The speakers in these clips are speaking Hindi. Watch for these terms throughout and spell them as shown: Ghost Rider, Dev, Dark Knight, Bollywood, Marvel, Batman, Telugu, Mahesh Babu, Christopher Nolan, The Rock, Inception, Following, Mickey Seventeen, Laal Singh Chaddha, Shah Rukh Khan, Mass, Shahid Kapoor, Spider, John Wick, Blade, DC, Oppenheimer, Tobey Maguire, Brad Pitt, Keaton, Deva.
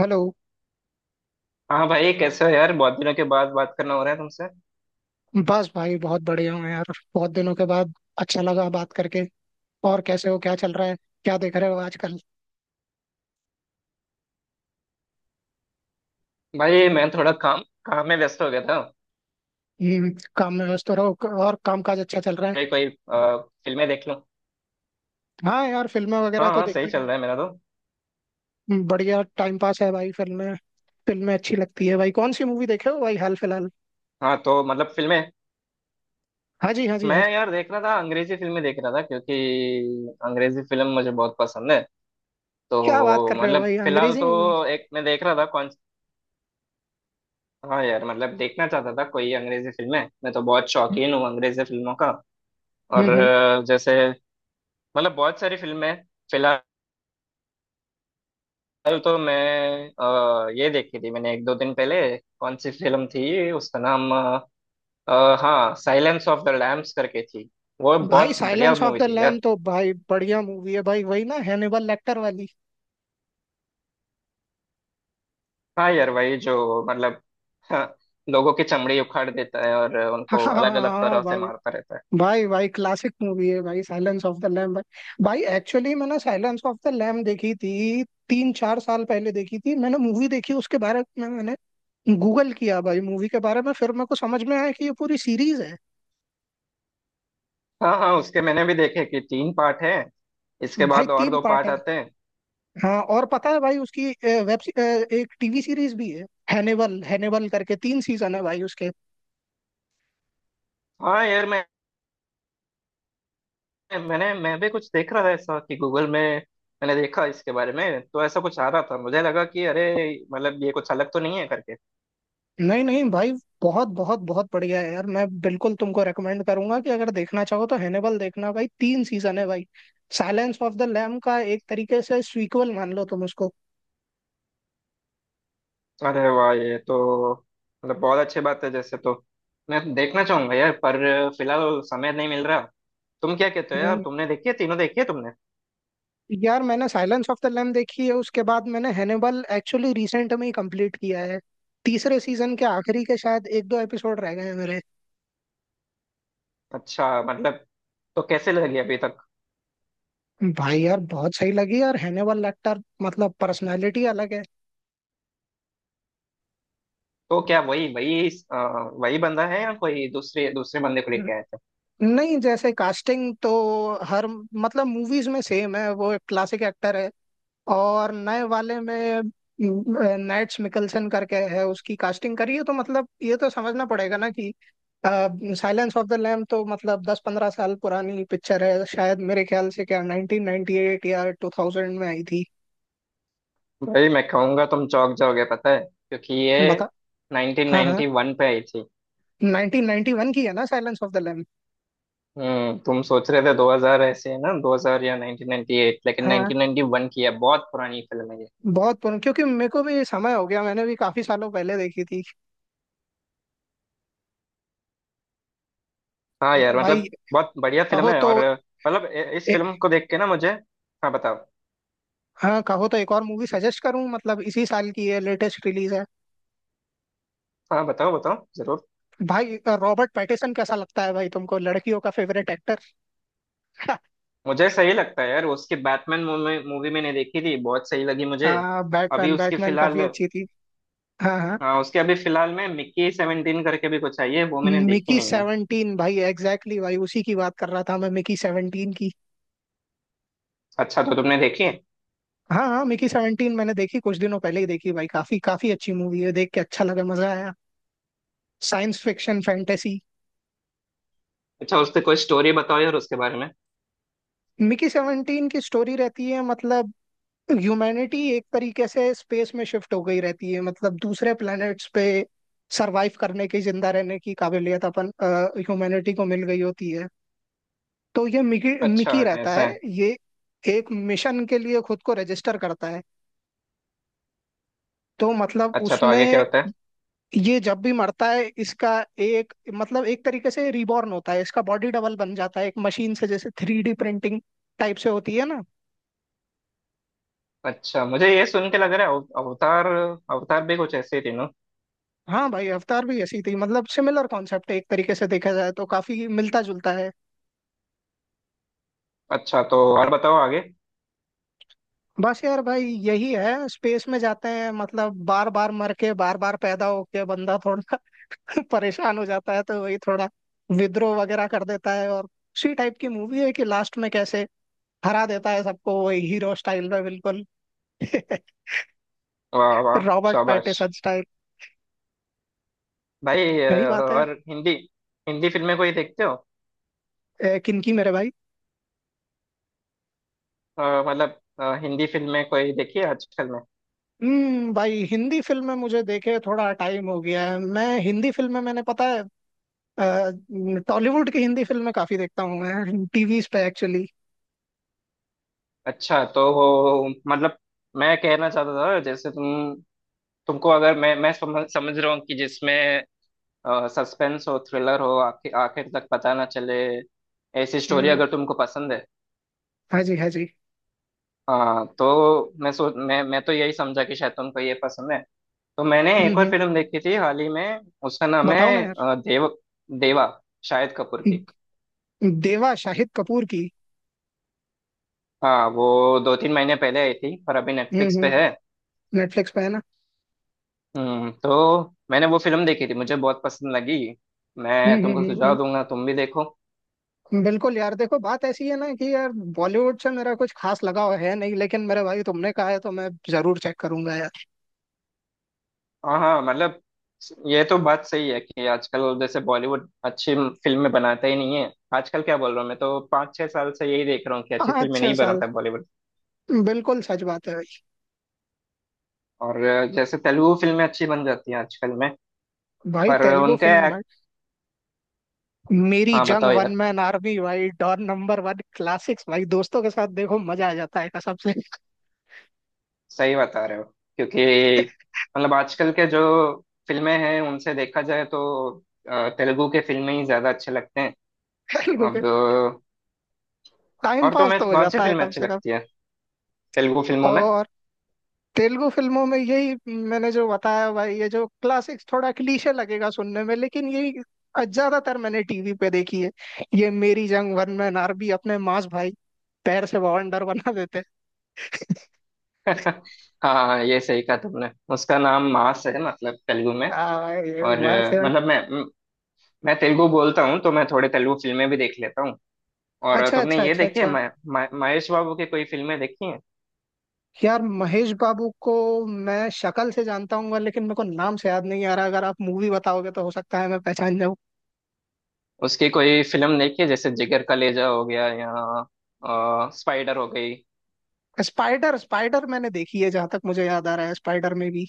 हेलो। हाँ भाई कैसे हो यार? बहुत दिनों के बाद बात करना हो रहा है तुमसे। बस भाई बहुत बढ़िया हूँ यार। बहुत दिनों के बाद अच्छा लगा बात करके। और कैसे हो, क्या चल रहा है? क्या देख रहे हो आजकल? भाई मैं थोड़ा काम काम में व्यस्त हो गया था। हम्म, काम में व्यस्त रहो। और काम काज अच्छा चल रहा है? भाई कोई फिल्में देख लूं। हाँ यार, फिल्में वगैरह हाँ तो हाँ, सही देखते ही चल रहा रहते है मेरा तो। हैं। बढ़िया टाइम पास है भाई फिल्में। फिल्में अच्छी लगती है भाई, कौन सी मूवी देखे हो भाई हाल फिलहाल? हाँ तो मतलब फिल्में, हाँ जी, हाँ जी, मैं हाँ जी। यार देख रहा था, अंग्रेजी फिल्में देख रहा था क्योंकि अंग्रेजी फिल्म मुझे बहुत पसंद है। क्या बात तो कर रहे हो मतलब भाई, फिलहाल अंग्रेजी मूवी? तो एक मैं देख रहा था कौन। हाँ यार मतलब देखना चाहता था कोई अंग्रेजी फिल्में, मैं तो बहुत शौकीन हूँ अंग्रेजी फिल्मों का। हम्म और हम्म। जैसे मतलब बहुत सारी फिल्में हैं। फिलहाल कल तो मैं ये देखी थी मैंने एक दो दिन पहले। कौन सी फिल्म थी उसका नाम हाँ, साइलेंस ऑफ द लैम्स करके थी। वो भाई बहुत बढ़िया साइलेंस ऑफ मूवी द थी लैम यार। तो भाई बढ़िया मूवी है भाई। वही ना, हैनिबल लेक्टर वाली? हाँ यार वही जो मतलब, हाँ, लोगों की चमड़ी उखाड़ देता है और उनको हाँ हाँ अलग हाँ, अलग हाँ, तरह से भाई। मारता रहता है। भाई भाई, क्लासिक मूवी है भाई साइलेंस ऑफ द लैम भाई। भाई एक्चुअली मैंने साइलेंस ऑफ द लैम देखी थी, 3-4 साल पहले देखी थी मैंने मूवी, देखी उसके बारे में मैंने गूगल किया भाई मूवी के बारे में, फिर मेरे को समझ में आया कि ये पूरी सीरीज है। हाँ हाँ, उसके मैंने भी देखे कि तीन पार्ट हैं, इसके भाई बाद और तीन दो पार्ट पार्ट है। आते हैं। हाँ, और पता है भाई उसकी वेब, एक टीवी सीरीज भी है। हैनिवल हैनिवल करके 3 सीजन है भाई उसके। हाँ यार मैं, मैं भी कुछ देख रहा था ऐसा कि गूगल में मैंने देखा, इसके बारे में तो ऐसा कुछ आ रहा था, मुझे लगा कि अरे मतलब ये कुछ अलग तो नहीं है करके। नहीं नहीं भाई, बहुत बहुत बहुत बढ़िया है यार। मैं बिल्कुल तुमको रेकमेंड करूंगा कि अगर देखना चाहो तो हैनिबल देखना भाई, 3 सीजन है भाई। साइलेंस ऑफ द लैम का एक तरीके से सीक्वल मान लो तुम उसको। अरे वाह, ये तो मतलब बहुत अच्छी बात है जैसे तो, मैं देखना चाहूंगा यार, पर फिलहाल समय नहीं मिल रहा। तुम क्या कहते हो यार? हम्म। तुमने देखी है? तीनों देखी है तुमने? यार मैंने साइलेंस ऑफ द लैम देखी है, उसके बाद मैंने हैनिबल एक्चुअली रिसेंट में ही कंप्लीट किया है। तीसरे सीजन के आखिरी के शायद 1-2 एपिसोड रह गए हैं मेरे। अच्छा मतलब, तो कैसे लगी अभी तक? भाई यार बहुत सही लगी यार, हैनिबल लेक्टर मतलब पर्सनालिटी अलग तो क्या वही वही वही बंदा है या कोई दूसरे दूसरे बंदे को है। लेके आया? नहीं, जैसे कास्टिंग तो हर मतलब मूवीज में सेम है, वो एक क्लासिक एक्टर है। और नए वाले में नैट्स मिकलसन करके है, उसकी कास्टिंग करी है। तो मतलब ये तो समझना पड़ेगा ना कि साइलेंस ऑफ द लैम तो मतलब 10-15 साल पुरानी पिक्चर है शायद, मेरे ख्याल से क्या 1998 या 2000 में आई थी? भाई मैं कहूंगा तुम चौंक जाओगे पता है, क्योंकि ये बता। हाँ हाँ, 1991 पे आई थी। 1991 की है ना साइलेंस ऑफ द लैम? तुम सोच रहे थे 2000, ऐसे है ना? 2000 या 1998 लेकिन हाँ, 1991 की है, बहुत पुरानी फिल्म है ये। बहुत पुरानी, क्योंकि मेरे को भी समय हो गया, मैंने भी काफी सालों पहले देखी थी। हाँ और यार भाई मतलब बहुत बढ़िया फिल्म कहो है, तो और मतलब इस ए, फिल्म को देख के ना मुझे, हाँ बताओ। हाँ कहो तो एक और मूवी सजेस्ट करूं, मतलब इसी साल की है, लेटेस्ट रिलीज है। हाँ, बताओ बताओ जरूर। भाई रॉबर्ट पैटिसन कैसा लगता है भाई तुमको, लड़कियों का फेवरेट एक्टर? मुझे सही लगता है यार, उसकी बैटमैन मूवी मूवी मैंने देखी थी, बहुत सही लगी मुझे। हाँ, अभी बैटमैन उसकी बैटमैन फिलहाल, काफी अच्छी थी। हाँ हाँ, हाँ उसके अभी फिलहाल में मिक्की सेवेंटीन करके भी कुछ आई है, वो मैंने देखी मिकी नहीं है। सेवनटीन भाई, एग्जैक्टली exactly भाई, उसी की बात कर रहा था मैं, मिकी 17 की। अच्छा तो तुमने देखी है? हाँ हाँ, मिकी सेवनटीन मैंने देखी, कुछ दिनों पहले ही देखी भाई, काफी काफी अच्छी मूवी है, देख के अच्छा लगा, मजा आया। Science fiction fantasy. अच्छा, उससे कोई स्टोरी बताओ यार उसके बारे में। मिकी 17 की स्टोरी रहती है मतलब, ह्यूमैनिटी एक तरीके से स्पेस में शिफ्ट हो गई रहती है, मतलब दूसरे प्लैनेट्स पे सरवाइव करने की, जिंदा रहने की काबिलियत अपन ह्यूमैनिटी को मिल गई होती है। तो ये मिकी, अच्छा। मिकी रहता ऐसा है। है। ये एक मिशन के लिए खुद को रजिस्टर करता है। तो मतलब अच्छा, तो आगे क्या उसमें, होता है? ये जब भी मरता है इसका, एक मतलब एक तरीके से रिबॉर्न होता है, इसका बॉडी डबल बन जाता है एक मशीन से, जैसे थ्री डी प्रिंटिंग टाइप से होती है ना। अच्छा, मुझे ये सुन के लग रहा है अवतार, अवतार भी कुछ ऐसे ही थे ना। हाँ भाई, अवतार भी ऐसी थी, मतलब सिमिलर कॉन्सेप्ट है, एक तरीके से देखा जाए तो काफी मिलता जुलता है। अच्छा, तो और बताओ आगे। बस यार भाई यही है, स्पेस में जाते हैं, मतलब बार बार मर के बार बार पैदा होके बंदा थोड़ा परेशान हो जाता है, तो वही थोड़ा विद्रोह वगैरह कर देता है, और उसी टाइप की मूवी है कि लास्ट में कैसे हरा देता है सबको वही, हीरो स्टाइल में बिल्कुल। वाह वाह। रॉबर्ट शाबाश। पैटिसन स्टाइल, भाई यही बात है। और हिंदी, हिंदी फिल्में कोई देखते हो? किनकी मेरे भाई? अ, मतलब हिंदी फिल्में कोई देखी है आजकल में? भाई हिंदी फिल्में मुझे देखे थोड़ा टाइम हो गया है, मैं हिंदी फिल्में मैंने पता है, अ, टॉलीवुड की हिंदी फिल्में काफी देखता हूँ मैं, टीवीज पे एक्चुअली। अच्छा तो वो मतलब मैं कहना चाहता था, जैसे तुम, तुमको अगर मैं समझ समझ रहा हूँ कि जिसमें सस्पेंस हो, थ्रिलर हो, आखिर आखिर तक पता ना चले, ऐसी स्टोरी अगर तुमको पसंद है। हाँ जी, हाँ जी। हाँ तो मैं सोच, मैं तो यही समझा कि शायद तुमको ये पसंद है। तो मैंने हम्म एक और हम्म फिल्म देखी थी हाल ही में, उसका नाम बताओ ना है यार। देव, देवा, शाहिद कपूर की। देवा शाहिद कपूर की। हाँ, वो दो तीन महीने पहले आई थी पर अभी हम्म नेटफ्लिक्स पे हम्म है। नेटफ्लिक्स पे है ना? तो मैंने वो फिल्म देखी थी, मुझे बहुत पसंद लगी, हम्म मैं तुमको हम्म हम्म सुझाव दूंगा, तुम भी देखो। बिल्कुल यार, देखो बात ऐसी है ना कि यार, बॉलीवुड से मेरा कुछ खास लगाव है नहीं, लेकिन मेरे भाई तुमने कहा है तो मैं जरूर चेक करूंगा यार। हाँ हाँ, मतलब ये तो बात सही है कि आजकल जैसे बॉलीवुड अच्छी फिल्में बनाता ही नहीं है। आजकल क्या बोल रहा हूँ, मैं तो पाँच छह साल से यही देख रहा हूँ कि अच्छी पाँच फिल्में छह नहीं साल बनाता बॉलीवुड। बिल्कुल सच बात है भाई। और जैसे तेलुगु फिल्में अच्छी बन जाती हैं आजकल में, भाई पर तेलुगु उनके फिल्म भाई, मेरी हाँ जंग बताओ वन यार, मैन आर्मी भाई, डॉन नंबर वन, क्लासिक्स भाई, दोस्तों के साथ देखो मजा आ जाता है कसम से। सही बता रहे हो, क्योंकि मतलब आजकल के जो फिल्में हैं उनसे देखा जाए तो तेलुगु के फिल्में ही ज्यादा अच्छे लगते हैं तेलुगु अब। के टाइम और पास तुम्हें तो हो कौन सी जाता है फिल्म कम अच्छी से कम। लगती है तेलुगु फिल्मों में? और तेलुगु फिल्मों में यही, मैंने जो बताया भाई, ये जो क्लासिक्स, थोड़ा क्लीशे लगेगा सुनने में लेकिन यही ज्यादातर मैंने टीवी पे देखी है। ये मेरी जंग वन में नारबी अपने मांस भाई पैर से बाउंडर बना देते हैं। हाँ, ये सही कहा तुमने, उसका नाम मास है मतलब तेलुगु में। आ, ये और बात है भाई। मतलब मैं तेलुगु बोलता हूँ, तो मैं थोड़े तेलुगु फिल्में भी देख लेता हूँ। और अच्छा, तुमने अच्छा, ये अच्छा, देखी है अच्छा। महेश बाबू की कोई फिल्में देखी हैं? यार महेश बाबू को मैं शक्ल से जानता हूँ, लेकिन मेरे को नाम से याद नहीं आ रहा, अगर आप मूवी बताओगे तो हो सकता है मैं पहचान जाऊँ। उसकी कोई फिल्म देखी है जैसे जिगर कलेजा हो गया या स्पाइडर हो गई? स्पाइडर, स्पाइडर मैंने देखी है, जहां तक मुझे याद आ रहा है, स्पाइडर में भी।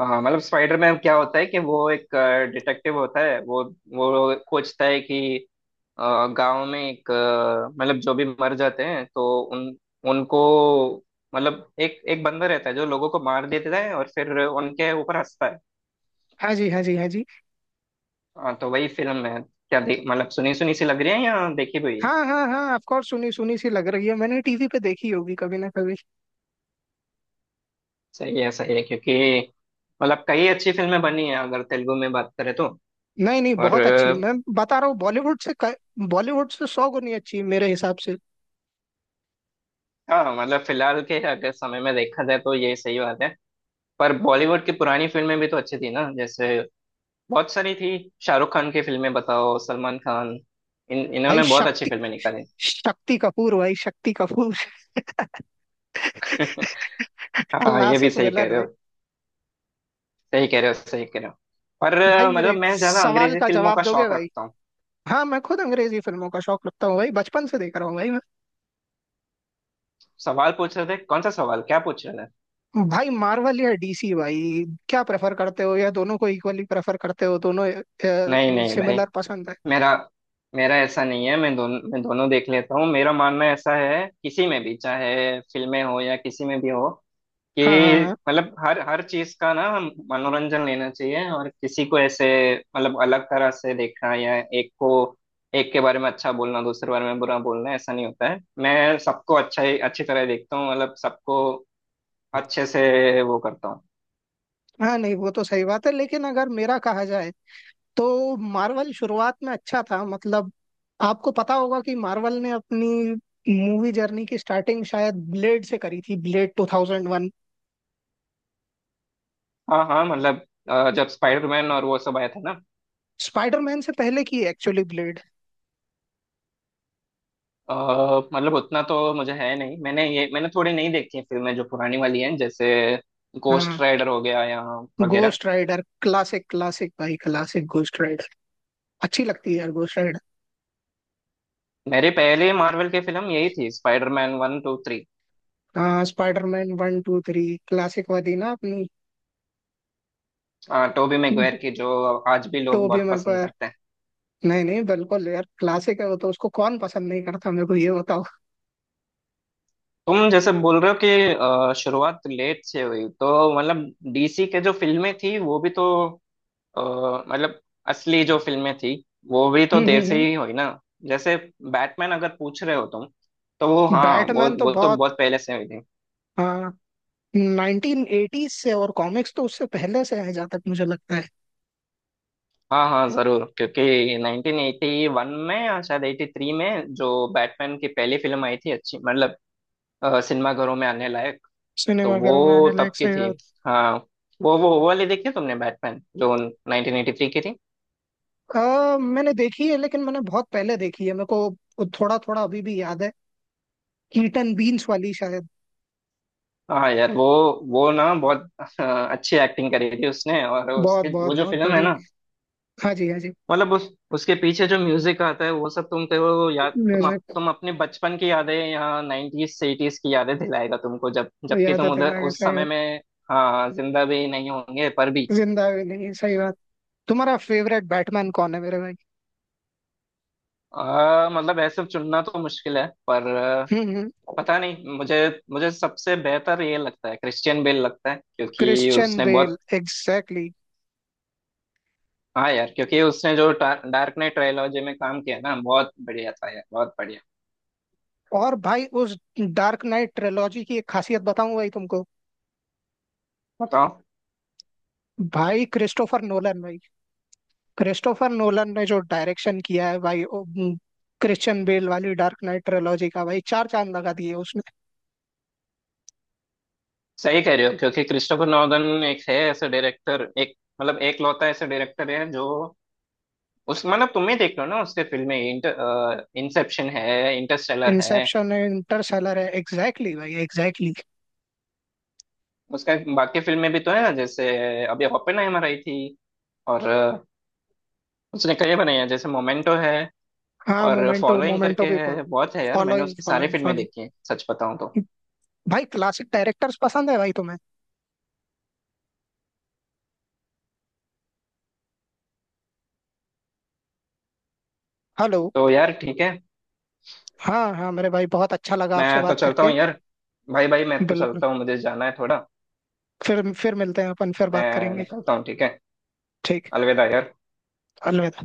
हाँ, मतलब स्पाइडर में क्या होता है, कि वो एक डिटेक्टिव होता है, वो खोजता है कि गांव में एक मतलब जो भी मर जाते हैं, तो उन उनको मतलब एक एक बंदा रहता है जो लोगों को मार देता है और फिर उनके ऊपर हंसता है। हाँ जी, हाँ जी, हाँ जी। हाँ तो वही फिल्म है। क्या देख मतलब, सुनी सुनी सी लग रही है या देखी हुई है? हाँ हाँ हाँ, ऑफ कोर्स, सुनी सुनी सी लग रही है, मैंने टीवी पे देखी होगी कभी ना कभी। सही है, सही है, क्योंकि मतलब कई अच्छी फिल्में बनी है अगर तेलुगु में बात करें तो। नहीं नहीं, और बहुत अच्छी मैं बता रहा हूँ, बॉलीवुड से 100 गुनी अच्छी है मेरे हिसाब से। हाँ मतलब फिलहाल के अगर समय में देखा जाए तो ये सही बात है, पर बॉलीवुड की पुरानी फिल्में भी तो अच्छी थी ना, जैसे बहुत सारी थी, शाहरुख खान की फिल्में, बताओ सलमान खान, इन भाई इन्होंने बहुत अच्छी शक्ति फिल्में निकाली। शक्ति कपूर भाई, शक्ति कपूर। हाँ, ये भी क्लासिक सही विलन कह रहे भाई। हो, सही कह रहे हो, सही कह रहे हो। पर भाई मतलब मेरे मैं ज्यादा सवाल अंग्रेजी का फिल्मों जवाब का दोगे शौक भाई? रखता हूँ। हाँ, मैं खुद अंग्रेजी फिल्मों का शौक रखता हूँ भाई, बचपन से देख रहा हूँ भाई मैं। सवाल पूछ रहे थे, कौन सा सवाल, क्या पूछ रहे थे? भाई मार्वल या डीसी भाई, क्या प्रेफर करते हो, या दोनों को इक्वली प्रेफर करते हो, दोनों नहीं नहीं भाई, सिमिलर पसंद है? मेरा मेरा ऐसा नहीं है, मैं दोनों देख लेता हूँ, मेरा मानना ऐसा है किसी में भी, चाहे फिल्में हो या किसी में भी हो, कि हाँ हाँ हाँ। मतलब हर हर चीज का ना हम मनोरंजन लेना चाहिए, और किसी को ऐसे मतलब अलग तरह से देखना, या एक को, एक के बारे में अच्छा बोलना दूसरे बारे में बुरा बोलना, ऐसा नहीं होता है। मैं सबको अच्छा ही, अच्छी तरह देखता हूँ, मतलब सबको अच्छे से वो करता हूँ। हाँ, नहीं वो तो सही बात है, लेकिन अगर मेरा कहा जाए तो मार्वल शुरुआत में अच्छा था मतलब, आपको पता होगा कि मार्वल ने अपनी मूवी जर्नी की स्टार्टिंग शायद ब्लेड से करी थी, ब्लेड 2001। हाँ हाँ, मतलब जब स्पाइडरमैन और वो सब आया था ना। स्पाइडरमैन से पहले की एक्चुअली ब्लेड। अ, मतलब उतना तो मुझे है नहीं, मैंने ये मैंने थोड़ी नहीं देखी हैं फिल्में जो पुरानी वाली हैं, जैसे गोस्ट हाँ, राइडर हो गया या वगैरह। गोस्ट राइडर क्लासिक, क्लासिक भाई, क्लासिक गोस्ट राइडर, अच्छी लगती है यार गोस्ट राइडर। मेरे पहले मार्वल की फिल्म यही थी, स्पाइडरमैन वन टू थ्री, हाँ, Spiderman one two three, classic वाली ना, अपनी टोबी मैguire की, जो आज भी लोग टोबी बहुत पसंद मैगवायर। करते हैं। नहीं नहीं, बिल्कुल यार, क्लासिक है वो तो, उसको कौन पसंद नहीं करता, मेरे को ये बताओ। तुम जैसे बोल रहे हो कि शुरुआत लेट से हुई, तो मतलब डीसी के जो फिल्में थी वो भी तो अ, मतलब असली जो फिल्में थी वो भी तो देर से ही हुई ना, जैसे बैटमैन अगर पूछ रहे हो तुम, तो वो, हाँ, बैटमैन तो वो तो बहुत, बहुत पहले से हुई थी। हाँ, 1980s से, और कॉमिक्स तो उससे पहले से है जहाँ तक मुझे लगता है। हाँ हाँ जरूर, क्योंकि 1981 में या शायद 83 में जो बैटमैन की पहली फिल्म आई थी अच्छी, मतलब सिनेमा घरों में आने लायक, तो सिनेमाघरों में वो आने तब लायक की से। थी। हाँ, वो वाली देखी है तुमने, बैटमैन जो 1983 की थी? मैंने देखी है, लेकिन मैंने बहुत पहले देखी है, मेरे को थोड़ा थोड़ा अभी भी याद है, कीटन बीन्स वाली शायद। हाँ यार वो ना बहुत अच्छी एक्टिंग करी थी उसने, और बहुत उसके बहुत वो जो बहुत फिल्म है बड़ी। ना, हाँ जी, हाँ जी। मतलब उस उसके पीछे जो म्यूजिक आता है, वो सब तुम कहो याद, तुम म्यूजिक अपने बचपन की यादें, या नाइन्टीज से 80s की यादें दिलाएगा तुमको, जब जबकि याद है, तुम उधर तेरा उस कैसा है? समय में हाँ जिंदा भी नहीं होंगे पर भी। जिंदा भी नहीं, सही बात। तुम्हारा फेवरेट बैटमैन कौन है मेरे भाई? मतलब ऐसे चुनना तो मुश्किल है, पर हम्म हम्म पता नहीं मुझे, मुझे सबसे बेहतर ये लगता है, क्रिश्चियन बेल लगता है, क्योंकि क्रिश्चियन उसने बेल, बहुत, एग्जैक्टली। हाँ यार, क्योंकि उसने जो डार्क नाइट ट्रायलॉजी में काम किया ना बहुत बढ़िया था यार, बहुत बढ़िया। और भाई उस डार्क नाइट ट्रिलॉजी की एक खासियत बताऊं भाई तुमको? बताओ। भाई क्रिस्टोफर नोलन भाई, क्रिस्टोफर नोलन ने जो डायरेक्शन किया है भाई, क्रिश्चियन बेल वाली डार्क नाइट ट्रिलॉजी का भाई चार चांद लगा दिए उसने। सही कह रहे हो, क्योंकि क्रिस्टोफर नॉलन एक है ऐसे डायरेक्टर, एक मतलब एक लौता ऐसे डायरेक्टर है, जो उस मतलब तुम ही देख लो ना उसके फिल्में, इंटर, इंसेप्शन है, इंटरस्टेलर है, इंसेप्शन है, इंटरस्टेलर है, एग्जैक्टली exactly भाई, एग्जैक्टली exactly. उसका बाकी फिल्में भी तो है ना, जैसे अभी ओपेनहाइमर आई थी, और उसने कई बनाई है, जैसे मोमेंटो है हाँ, और मोमेंटो, फॉलोइंग मोमेंटो करके भी। है, बहुत है यार, मैंने फॉलोइंग, उसकी सारी फॉलोइंग, फिल्में फॉलोइंग। देखी हैं सच बताऊं तो। भाई क्लासिक डायरेक्टर्स पसंद है भाई तुम्हें? हेलो। तो यार ठीक है, हाँ हाँ मेरे भाई, बहुत अच्छा लगा आपसे मैं तो बात चलता करके। हूँ यार, भाई भाई मैं तो बिल्कुल। चलता हूँ, मुझे जाना है थोड़ा, फिर मिलते हैं, अपन फिर बात मैं करेंगे। निकलता हूँ, ठीक है, ठीक। अलविदा यार। अलविदा।